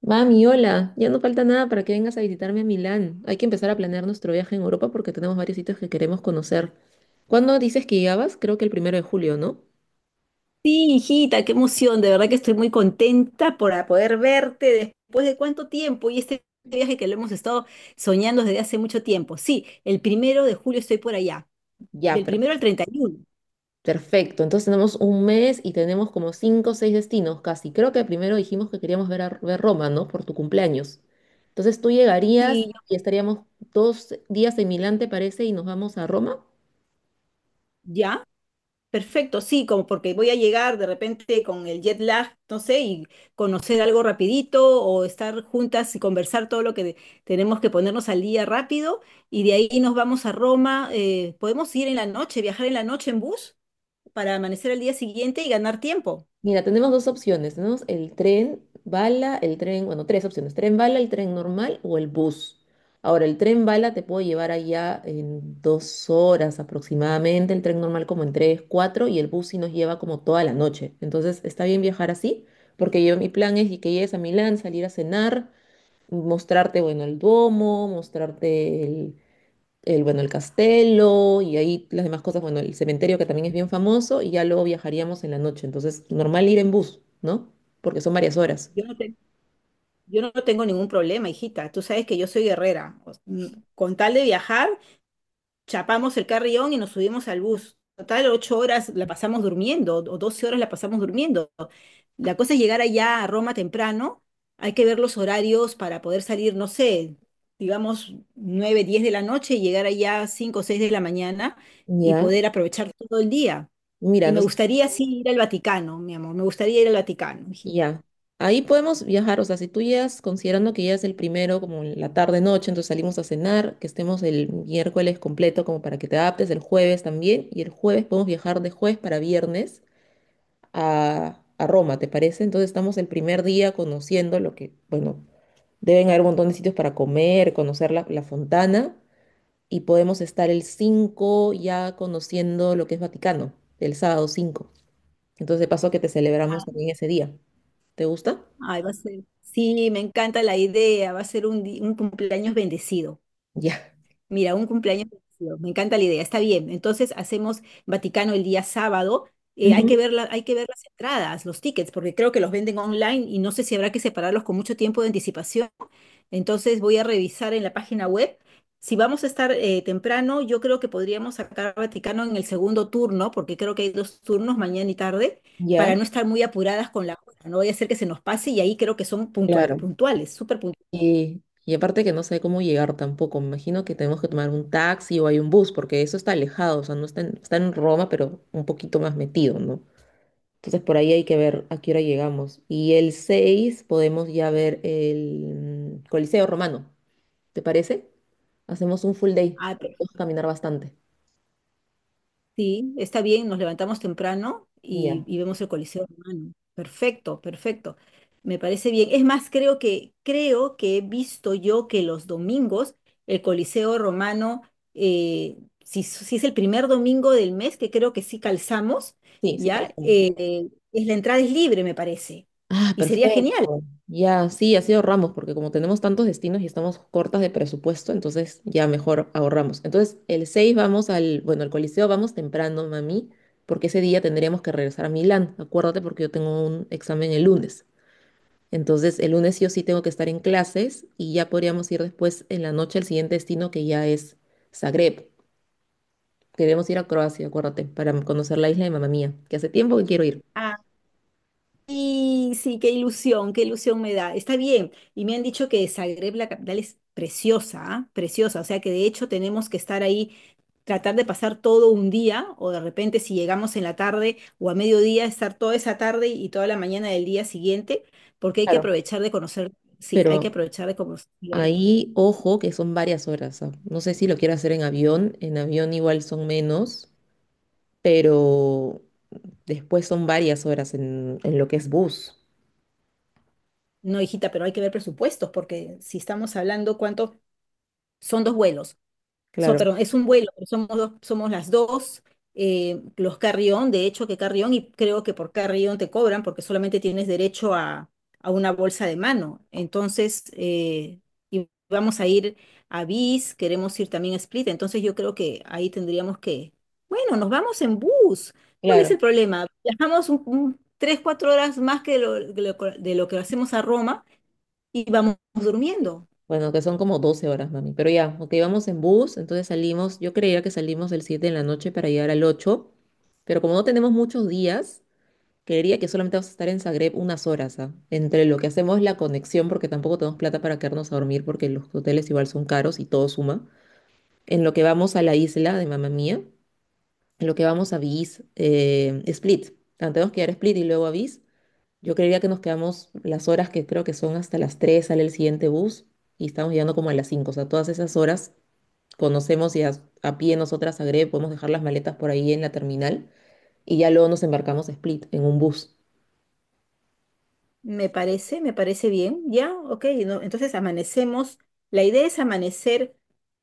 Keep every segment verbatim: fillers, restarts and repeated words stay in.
Mami, hola, ya no falta nada para que vengas a visitarme a Milán. Hay que empezar a planear nuestro viaje en Europa porque tenemos varios sitios que queremos conocer. ¿Cuándo dices que llegabas? Creo que el primero de julio, ¿no? Sí, hijita, qué emoción. De verdad que estoy muy contenta por a- poder verte después de cuánto tiempo y este viaje que lo hemos estado soñando desde hace mucho tiempo. Sí, el primero de julio estoy por allá, Ya, del per- primero al treinta y uno. perfecto. Entonces tenemos un mes y tenemos como cinco o seis destinos casi. Creo que primero dijimos que queríamos ver, a, ver Roma, ¿no? Por tu cumpleaños. Entonces tú llegarías Sí, yo- y estaríamos dos días en Milán, ¿te parece? Y nos vamos a Roma. ya, perfecto, sí, como porque voy a llegar de repente con el jet lag, no sé, y conocer algo rapidito o estar juntas y conversar todo lo que, de- tenemos que ponernos al día rápido. Y de ahí nos vamos a Roma. Eh, ¿podemos ir en la noche, viajar en la noche en bus? Para amanecer al día siguiente y ganar tiempo. Mira, tenemos dos opciones. Tenemos el tren bala, el tren, bueno, tres opciones. Tren bala, el tren normal o el bus. Ahora, el tren bala te puedo llevar allá en dos horas aproximadamente, el tren normal como en tres, cuatro, y el bus sí nos lleva como toda la noche. Entonces, está bien viajar así, porque yo mi plan es y que llegues a Milán, salir a cenar, mostrarte, bueno, el Duomo, mostrarte el, el, bueno, el castelo y ahí las demás cosas, bueno, el cementerio que también es bien famoso y ya luego viajaríamos en la noche. Entonces, normal ir en bus, ¿no? Porque son varias horas. Yo no, te- yo no tengo ningún problema, hijita. Tú sabes que yo soy guerrera. O s- mm, Con tal de viajar, chapamos el carrión y nos subimos al bus. Total, ocho horas la pasamos durmiendo o doce horas la pasamos durmiendo. La cosa es llegar allá a Roma temprano. Hay que ver los horarios para poder salir, no sé, digamos nueve, diez de la noche y llegar allá cinco o seis de la mañana y Ya, poder aprovechar todo el día. mira, Y me no sé, gustaría sí ir al Vaticano, mi amor, me gustaría ir al Vaticano, hijita. ya. Ahí podemos viajar, o sea, si tú llegas considerando que ya es el primero, como en la tarde noche, entonces salimos a cenar, que estemos el miércoles completo como para que te adaptes, el jueves también, y el jueves podemos viajar de jueves para viernes a, a Roma, ¿te parece? Entonces estamos el primer día conociendo lo que, bueno, deben haber un montón de sitios para comer, conocer la, la Fontana y podemos estar el cinco ya conociendo lo que es Vaticano, el sábado cinco. Entonces, de paso que te celebramos también ese día. ¿Te gusta? Ay, va a ser. Sí, me encanta la idea, va a ser un, di- un cumpleaños bendecido. Ya. Mira, un cumpleaños divertido. Me encanta la idea. Está bien. Entonces hacemos Vaticano el día sábado. Eh, hay que Ujú. ver la- hay que ver las entradas, los tickets, porque creo que los venden online y no sé si habrá que separarlos con mucho tiempo de anticipación. Entonces voy a revisar en la página web. Si vamos a estar eh, temprano, yo creo que podríamos sacar Vaticano en el segundo turno, porque creo que hay dos turnos, mañana y tarde, Ya. para no estar muy apuradas con la hora. No voy a hacer que se nos pase y ahí creo que son puntual, Claro. puntuales, súper Y, y aparte que no sé cómo llegar tampoco. Me imagino que tenemos que tomar un taxi o hay un bus, porque eso está alejado, o sea, no está en, está en Roma, pero un poquito más metido, ¿no? Entonces por ahí hay que ver a qué hora llegamos. Y el seis podemos ya ver el mm, Coliseo Romano. ¿Te parece? Hacemos un full day. Vamos puntuales. a caminar bastante. Sí, está bien, nos levantamos temprano y, Ya. y vemos el Coliseo Romano. Perfecto, perfecto. Me parece bien. Es más, creo que, creo que he visto yo que los domingos el Coliseo Romano, eh, si, s- si es el primer domingo del mes, que creo que sí calzamos, Sí, sí, ya, calculamos. eh, es la entrada es libre, me parece. Ah, Y sería genial. perfecto. Ya, sí, así ahorramos, porque como tenemos tantos destinos y estamos cortas de presupuesto, entonces ya mejor ahorramos. Entonces el seis vamos al, bueno, al Coliseo vamos temprano, mami, porque ese día tendríamos que regresar a Milán. Acuérdate porque yo tengo un examen el lunes. Entonces, el lunes sí o sí tengo que estar en clases y ya podríamos ir después en la noche al siguiente destino que ya es Zagreb. Queremos ir a Croacia, acuérdate, para conocer la isla de Mamá Mía, que hace tiempo que quiero ir. Y sí, qué ilusión, qué ilusión me da. Está bien. Y me han dicho que Zagreb, la capital, es preciosa, ¿ah? Preciosa. O sea que de hecho tenemos que estar ahí, tratar de pasar todo un día, o de repente si llegamos en la tarde o a mediodía, estar toda esa tarde y toda la mañana del día siguiente, porque hay que Claro. aprovechar de conocer, sí, hay que Pero aprovechar de conocer Zagreb. ahí, ojo, que son varias horas. Ah. No sé si lo quiero hacer en avión. En avión igual son menos, pero después son varias horas en, en lo que es bus. No, hijita, pero hay que ver presupuestos, porque si estamos hablando cuánto son dos vuelos. So, Claro, perdón, es un vuelo, pero somos dos, somos las dos, eh, los Carrión, de hecho que Carrión, y creo que por Carrión te cobran porque solamente tienes derecho a, a una bolsa de mano. Entonces, eh, y vamos a ir a Bis, queremos ir también a Split, entonces yo creo que ahí tendríamos que, bueno, nos vamos en bus. ¿Cuál es claro. el problema? Viajamos un, un- tres, cuatro horas más que lo, de lo de lo que hacemos a Roma y vamos durmiendo. Bueno, que son como doce horas, mami. Pero ya, ok, vamos en bus, entonces salimos, yo creía que salimos el siete en la noche para llegar al ocho, pero como no tenemos muchos días, creería que solamente vamos a estar en Zagreb unas horas, ¿ah? Entre lo que hacemos la conexión, porque tampoco tenemos plata para quedarnos a dormir, porque los hoteles igual son caros y todo suma, en lo que vamos a la isla de Mamá Mía, en lo que vamos a Vis, eh, Split. Ah, tenemos que ir a Split y luego a Vis. Yo creería que nos quedamos las horas, que creo que son hasta las tres sale el siguiente bus y estamos llegando como a las cinco. O sea, todas esas horas conocemos y a, a pie nosotras a Greve, podemos dejar las maletas por ahí en la terminal y ya luego nos embarcamos a Split en un bus. Me parece, me parece bien, ya, ok, no, entonces amanecemos, la idea es amanecer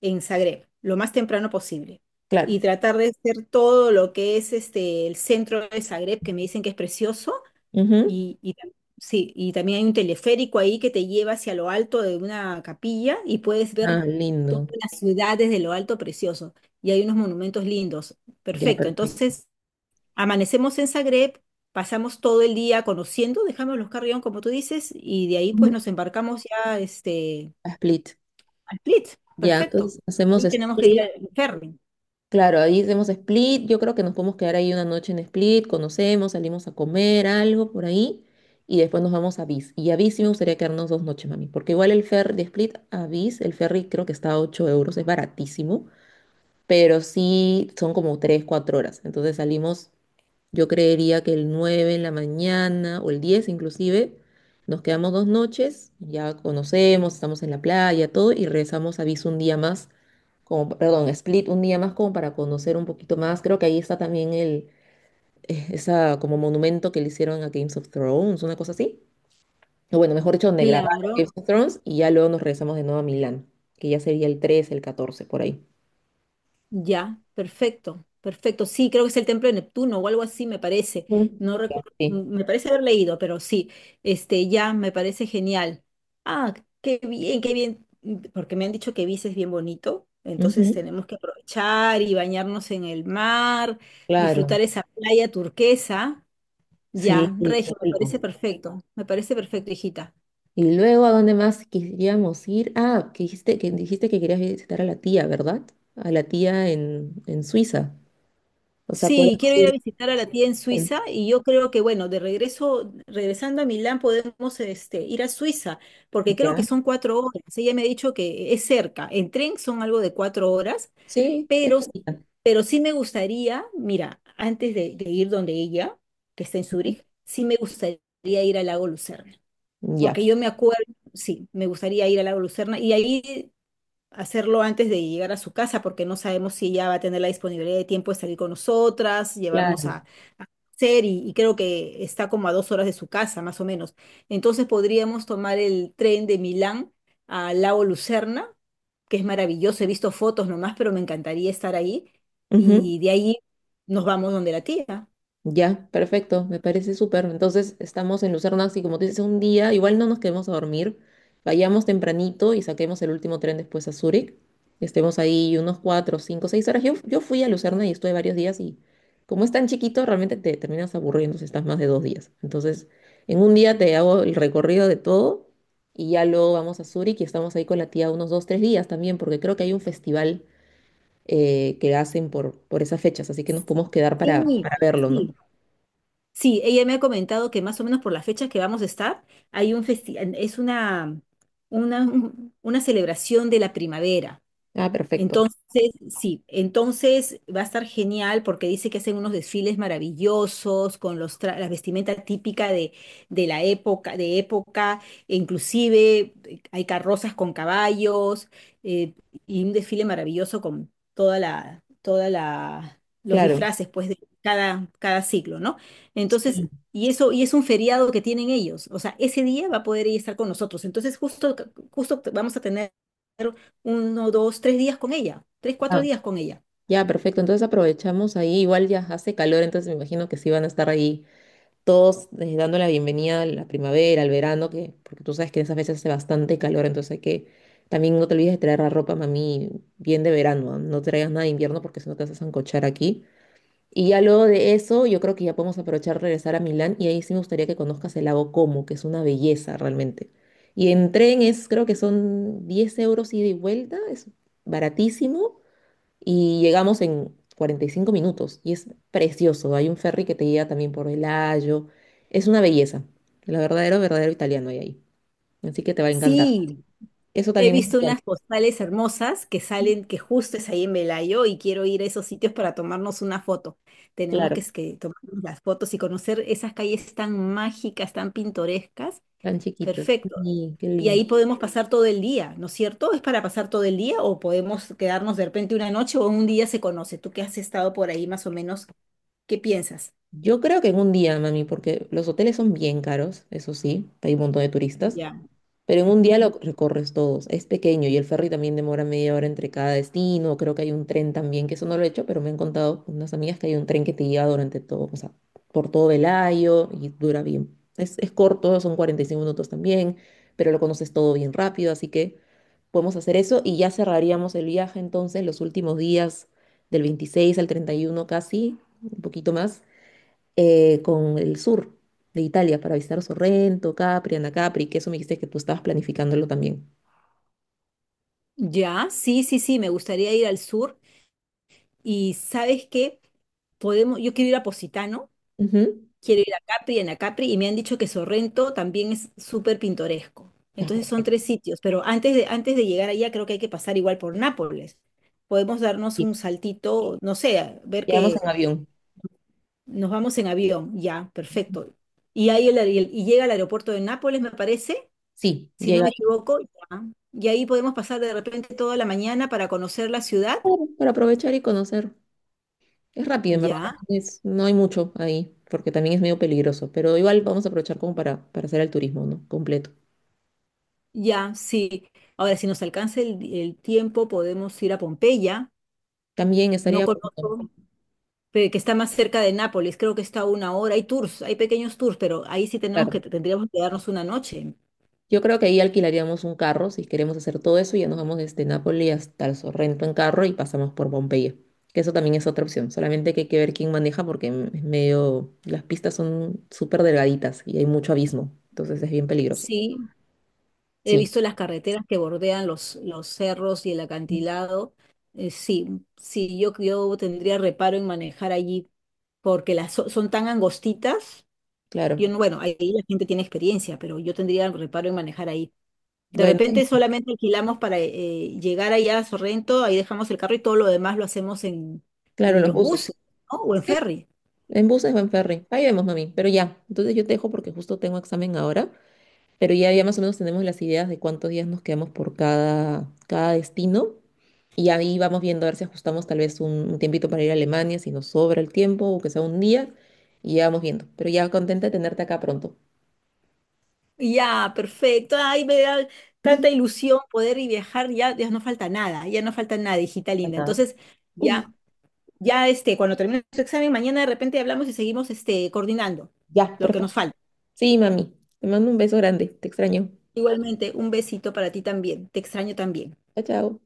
en Zagreb lo más temprano posible Claro. y tratar de hacer todo lo que es este, el centro de Zagreb, que me dicen que es precioso, Ujú. y, y tam- sí, y también hay un teleférico ahí que te lleva hacia lo alto de una capilla y puedes ver Ah, toda lindo. la ciudad desde lo alto, precioso, y hay unos monumentos lindos. Ya, Perfecto. perfecto. Entonces amanecemos en Zagreb, pasamos todo el día conociendo, dejamos los carry como tú dices, y de ahí Ujú. pues nos embarcamos ya este, A Split. a Split. Ya, Perfecto. entonces hacemos Ahí tenemos que ir Split. al ferry. Claro, ahí hacemos Split. Yo creo que nos podemos quedar ahí una noche en Split, conocemos, salimos a comer algo por ahí y después nos vamos a Vis. Y a Vis sí me gustaría quedarnos dos noches, mami, porque igual el ferry de Split a Vis, el ferry creo que está a ocho euros, es baratísimo, pero sí son como tres cuatro horas. Entonces salimos, yo creería que el nueve en la mañana o el diez inclusive, nos quedamos dos noches, ya conocemos, estamos en la playa, todo, y regresamos a Ibiza un día más, como, perdón, a Split un día más como para conocer un poquito más. Creo que ahí está también el, eh, esa como monumento que le hicieron a Games of Thrones, una cosa así. O bueno, mejor dicho, donde grabaron Claro. Games of Thrones y ya luego nos regresamos de nuevo a Milán, que ya sería el trece, el catorce por ahí. Ya, perfecto, perfecto. Sí, creo que es el templo de Neptuno o algo así, me parece. Mm. No recuerdo, Sí. m- me parece haber leído, pero sí, este, ya me parece genial. Ah, qué bien, qué bien, mm, porque me han dicho que Ibiza es bien bonito, entonces Ujú. tenemos que aprovechar y bañarnos en el mar, Claro. disfrutar esa playa turquesa. Sí, Ya, sí, qué Regio, me parece rico. perfecto, me parece perfecto, hijita. Y luego, ¿a dónde más quisiéramos ir? Ah, que dijiste que, dijiste que querías visitar a la tía, ¿verdad? A la tía en, en Suiza. O sea, podemos Sí, quiero ir a ir. visitar a la tía en Suiza y yo creo que, bueno, de regreso, regresando a Milán podemos este, ir a Suiza, porque creo que Ya. son cuatro horas. Ella me ha dicho que es cerca. En tren son algo de cuatro horas, Sí. Ya. pero, pero sí me gustaría, mira, antes de, de ir donde ella, que está en Zúrich, sí me gustaría ir al lago Lucerna, Ya. porque yo me acuerdo, sí, me gustaría ir al lago Lucerna y ahí hacerlo antes de llegar a su casa, porque no sabemos si ella va a tener la disponibilidad de tiempo de salir con nosotras, llevarnos a, Claro. a hacer, y, y creo que está como a dos horas de su casa, más o menos. Entonces podríamos tomar el tren de Milán a Lago Lucerna, que es maravilloso, he visto fotos nomás, pero me encantaría estar ahí, Ujú. y de ahí nos vamos donde la tía. Ya, perfecto, me parece súper. Entonces estamos en Lucerna, así como tú dices, un día, igual no nos quedemos a dormir, vayamos tempranito y saquemos el último tren después a Zúrich. Estemos ahí unos cuatro, cinco, seis horas. Yo, yo fui a Lucerna y estuve varios días y como es tan chiquito, realmente te terminas aburriendo si estás más de dos días. Entonces, en un día te hago el recorrido de todo y ya luego vamos a Zúrich y estamos ahí con la tía unos dos, tres días también, porque creo que hay un festival eh, que hacen por, por esas fechas, así que nos podemos quedar para, Sí, para verlo, ¿no? sí. Sí, ella me ha comentado que más o menos por las fechas que vamos a estar, hay un festi- es una, una, un- una celebración de la primavera. Ah, perfecto, Entonces, sí, entonces va a estar genial porque dice que hacen unos desfiles maravillosos con los tra- la vestimenta típica de, de la época, de época, e inclusive eh, hay carrozas con caballos eh, y un desfile maravilloso con toda la, toda la, los claro. disfraces pues de cada, cada siglo, ¿no? Sí, Entonces, y eso, y es un feriado que tienen ellos, o sea, ese día va a poder ella estar con nosotros. Entonces, justo, justo vamos a tener uno, dos, tres días con ella, tres, cuatro ah, días con ella. ya, perfecto. Entonces aprovechamos ahí. Igual ya hace calor, entonces me imagino que sí van a estar ahí todos eh, dando la bienvenida a la primavera, al verano, que, porque tú sabes que en esas veces hace bastante calor, entonces hay que también no te olvides de traer la ropa, mami, bien de verano. No, no traigas nada de invierno porque si no te vas a sancochar aquí. Y ya luego de eso, yo creo que ya podemos aprovechar regresar a Milán y ahí sí me gustaría que conozcas el lago Como, que es una belleza realmente. Y en tren es, creo que son diez euros ida y vuelta, es baratísimo y llegamos en cuarenta y cinco minutos y es precioso. Hay un ferry que te guía también por el Ayo. Es una belleza. La verdadero, verdadero italiano hay ahí. Así que te va a encantar. Sí, Eso he también me visto encanta. unas postales hermosas que salen, que justo es ahí en Velayo y quiero ir a esos sitios para tomarnos una foto. Tenemos Claro, que, es que tomarnos las fotos y conocer esas calles tan mágicas, tan pintorescas. tan chiquitos. Perfecto. Sí, qué Y lindo. ahí podemos pasar todo el día, ¿no es cierto? ¿Es para pasar todo el día o podemos quedarnos de repente una noche o un día se conoce? Tú que has estado por ahí más o menos, ¿qué piensas? Yo creo que en un día, mami, porque los hoteles son bien caros, eso sí, hay un montón de turistas, Ya. pero en un día Ujú. lo recorres todos. Es pequeño y el ferry también demora media hora entre cada destino. Creo que hay un tren también, que eso no lo he hecho, pero me han contado unas amigas que hay un tren que te lleva durante todo, o sea, por todo Velayo, y dura bien. Es, es corto, son cuarenta y cinco minutos también, pero lo conoces todo bien rápido, así que podemos hacer eso y ya cerraríamos el viaje entonces los últimos días del veintiséis al treinta y uno, casi, un poquito más eh, con el sur de Italia para visitar Sorrento, Capri, Anacapri, que eso me dijiste que tú estabas planificándolo también. Ya, sí, sí, sí, me gustaría ir al sur. Y ¿sabes qué? Podemos, yo quiero ir a Positano, Ujú. quiero ir a Capri, en Capri, y me han dicho que Sorrento también es súper pintoresco. Ah, Entonces son perfecto. tres sitios, pero antes de, antes de llegar allá creo que hay que pasar igual por Nápoles. Podemos darnos Sí, un saltito, no sé, a ver llegamos que en avión. nos vamos en avión, ya, perfecto. Y ahí el, aer- y llega al aeropuerto de Nápoles, me parece, Sí, si no llega me ahí, equivoco, ya. Y ahí podemos pasar de repente toda la mañana para conocer la ciudad, claro, para aprovechar y conocer. Es rápido, en verdad. ya. También es- no hay mucho ahí, porque también es medio peligroso, pero igual vamos a aprovechar como para, para hacer el turismo, ¿no? Completo. Ya, sí. Ahora, si nos alcanza el, el tiempo, podemos ir a Pompeya. También No estaría conozco, bonito. pe- que está más cerca de Nápoles. Creo que está a una hora. Hay tours, hay pequeños tours, pero ahí sí tenemos que, Claro, tendríamos que darnos una noche. yo creo que ahí alquilaríamos un carro si queremos hacer todo eso y ya nos vamos desde Nápoli hasta el Sorrento en carro y pasamos por Pompeya. Que eso también es otra opción. Solamente que hay que ver quién maneja porque m- es medio. Las pistas son súper delgaditas y hay mucho abismo. Entonces es bien peligroso. Sí, he Sí, visto las carreteras que bordean los, los cerros y el acantilado. Eh, sí, sí, yo, yo tendría reparo en manejar allí porque las so- son tan angostitas. Yo claro. no, bueno, ahí la gente tiene experiencia, pero yo tendría reparo en manejar ahí. De Bueno, repente solamente alquilamos para eh, llegar allá a Sorrento, ahí dejamos el carro y todo lo demás lo hacemos en, claro, en los los buses. buses, ¿no? O en Sí, ferry. en buses o en ferry. Ahí vemos, mami. Pero ya, entonces yo te dejo porque justo tengo examen ahora. Pero ya, ya más o menos tenemos las ideas de cuántos días nos quedamos por cada, cada destino. Y ahí vamos viendo a ver si ajustamos tal vez un, un tiempito para ir a Alemania, si nos sobra el tiempo o que sea un día. Y ya vamos viendo. Pero ya contenta de tenerte acá pronto. Ya, perfecto. Ay, me da tanta ilusión poder y viajar. Ya, ya no falta nada, ya no falta nada, hijita Para linda. nada. Entonces, ya, ya este, cuando termine su examen, mañana de repente hablamos y seguimos este, coordinando Ya, lo que perfecto. nos falta. Sí, mami. Te mando un beso grande. Te extraño. Igualmente, un besito para ti también. Te extraño también. Chao, chao.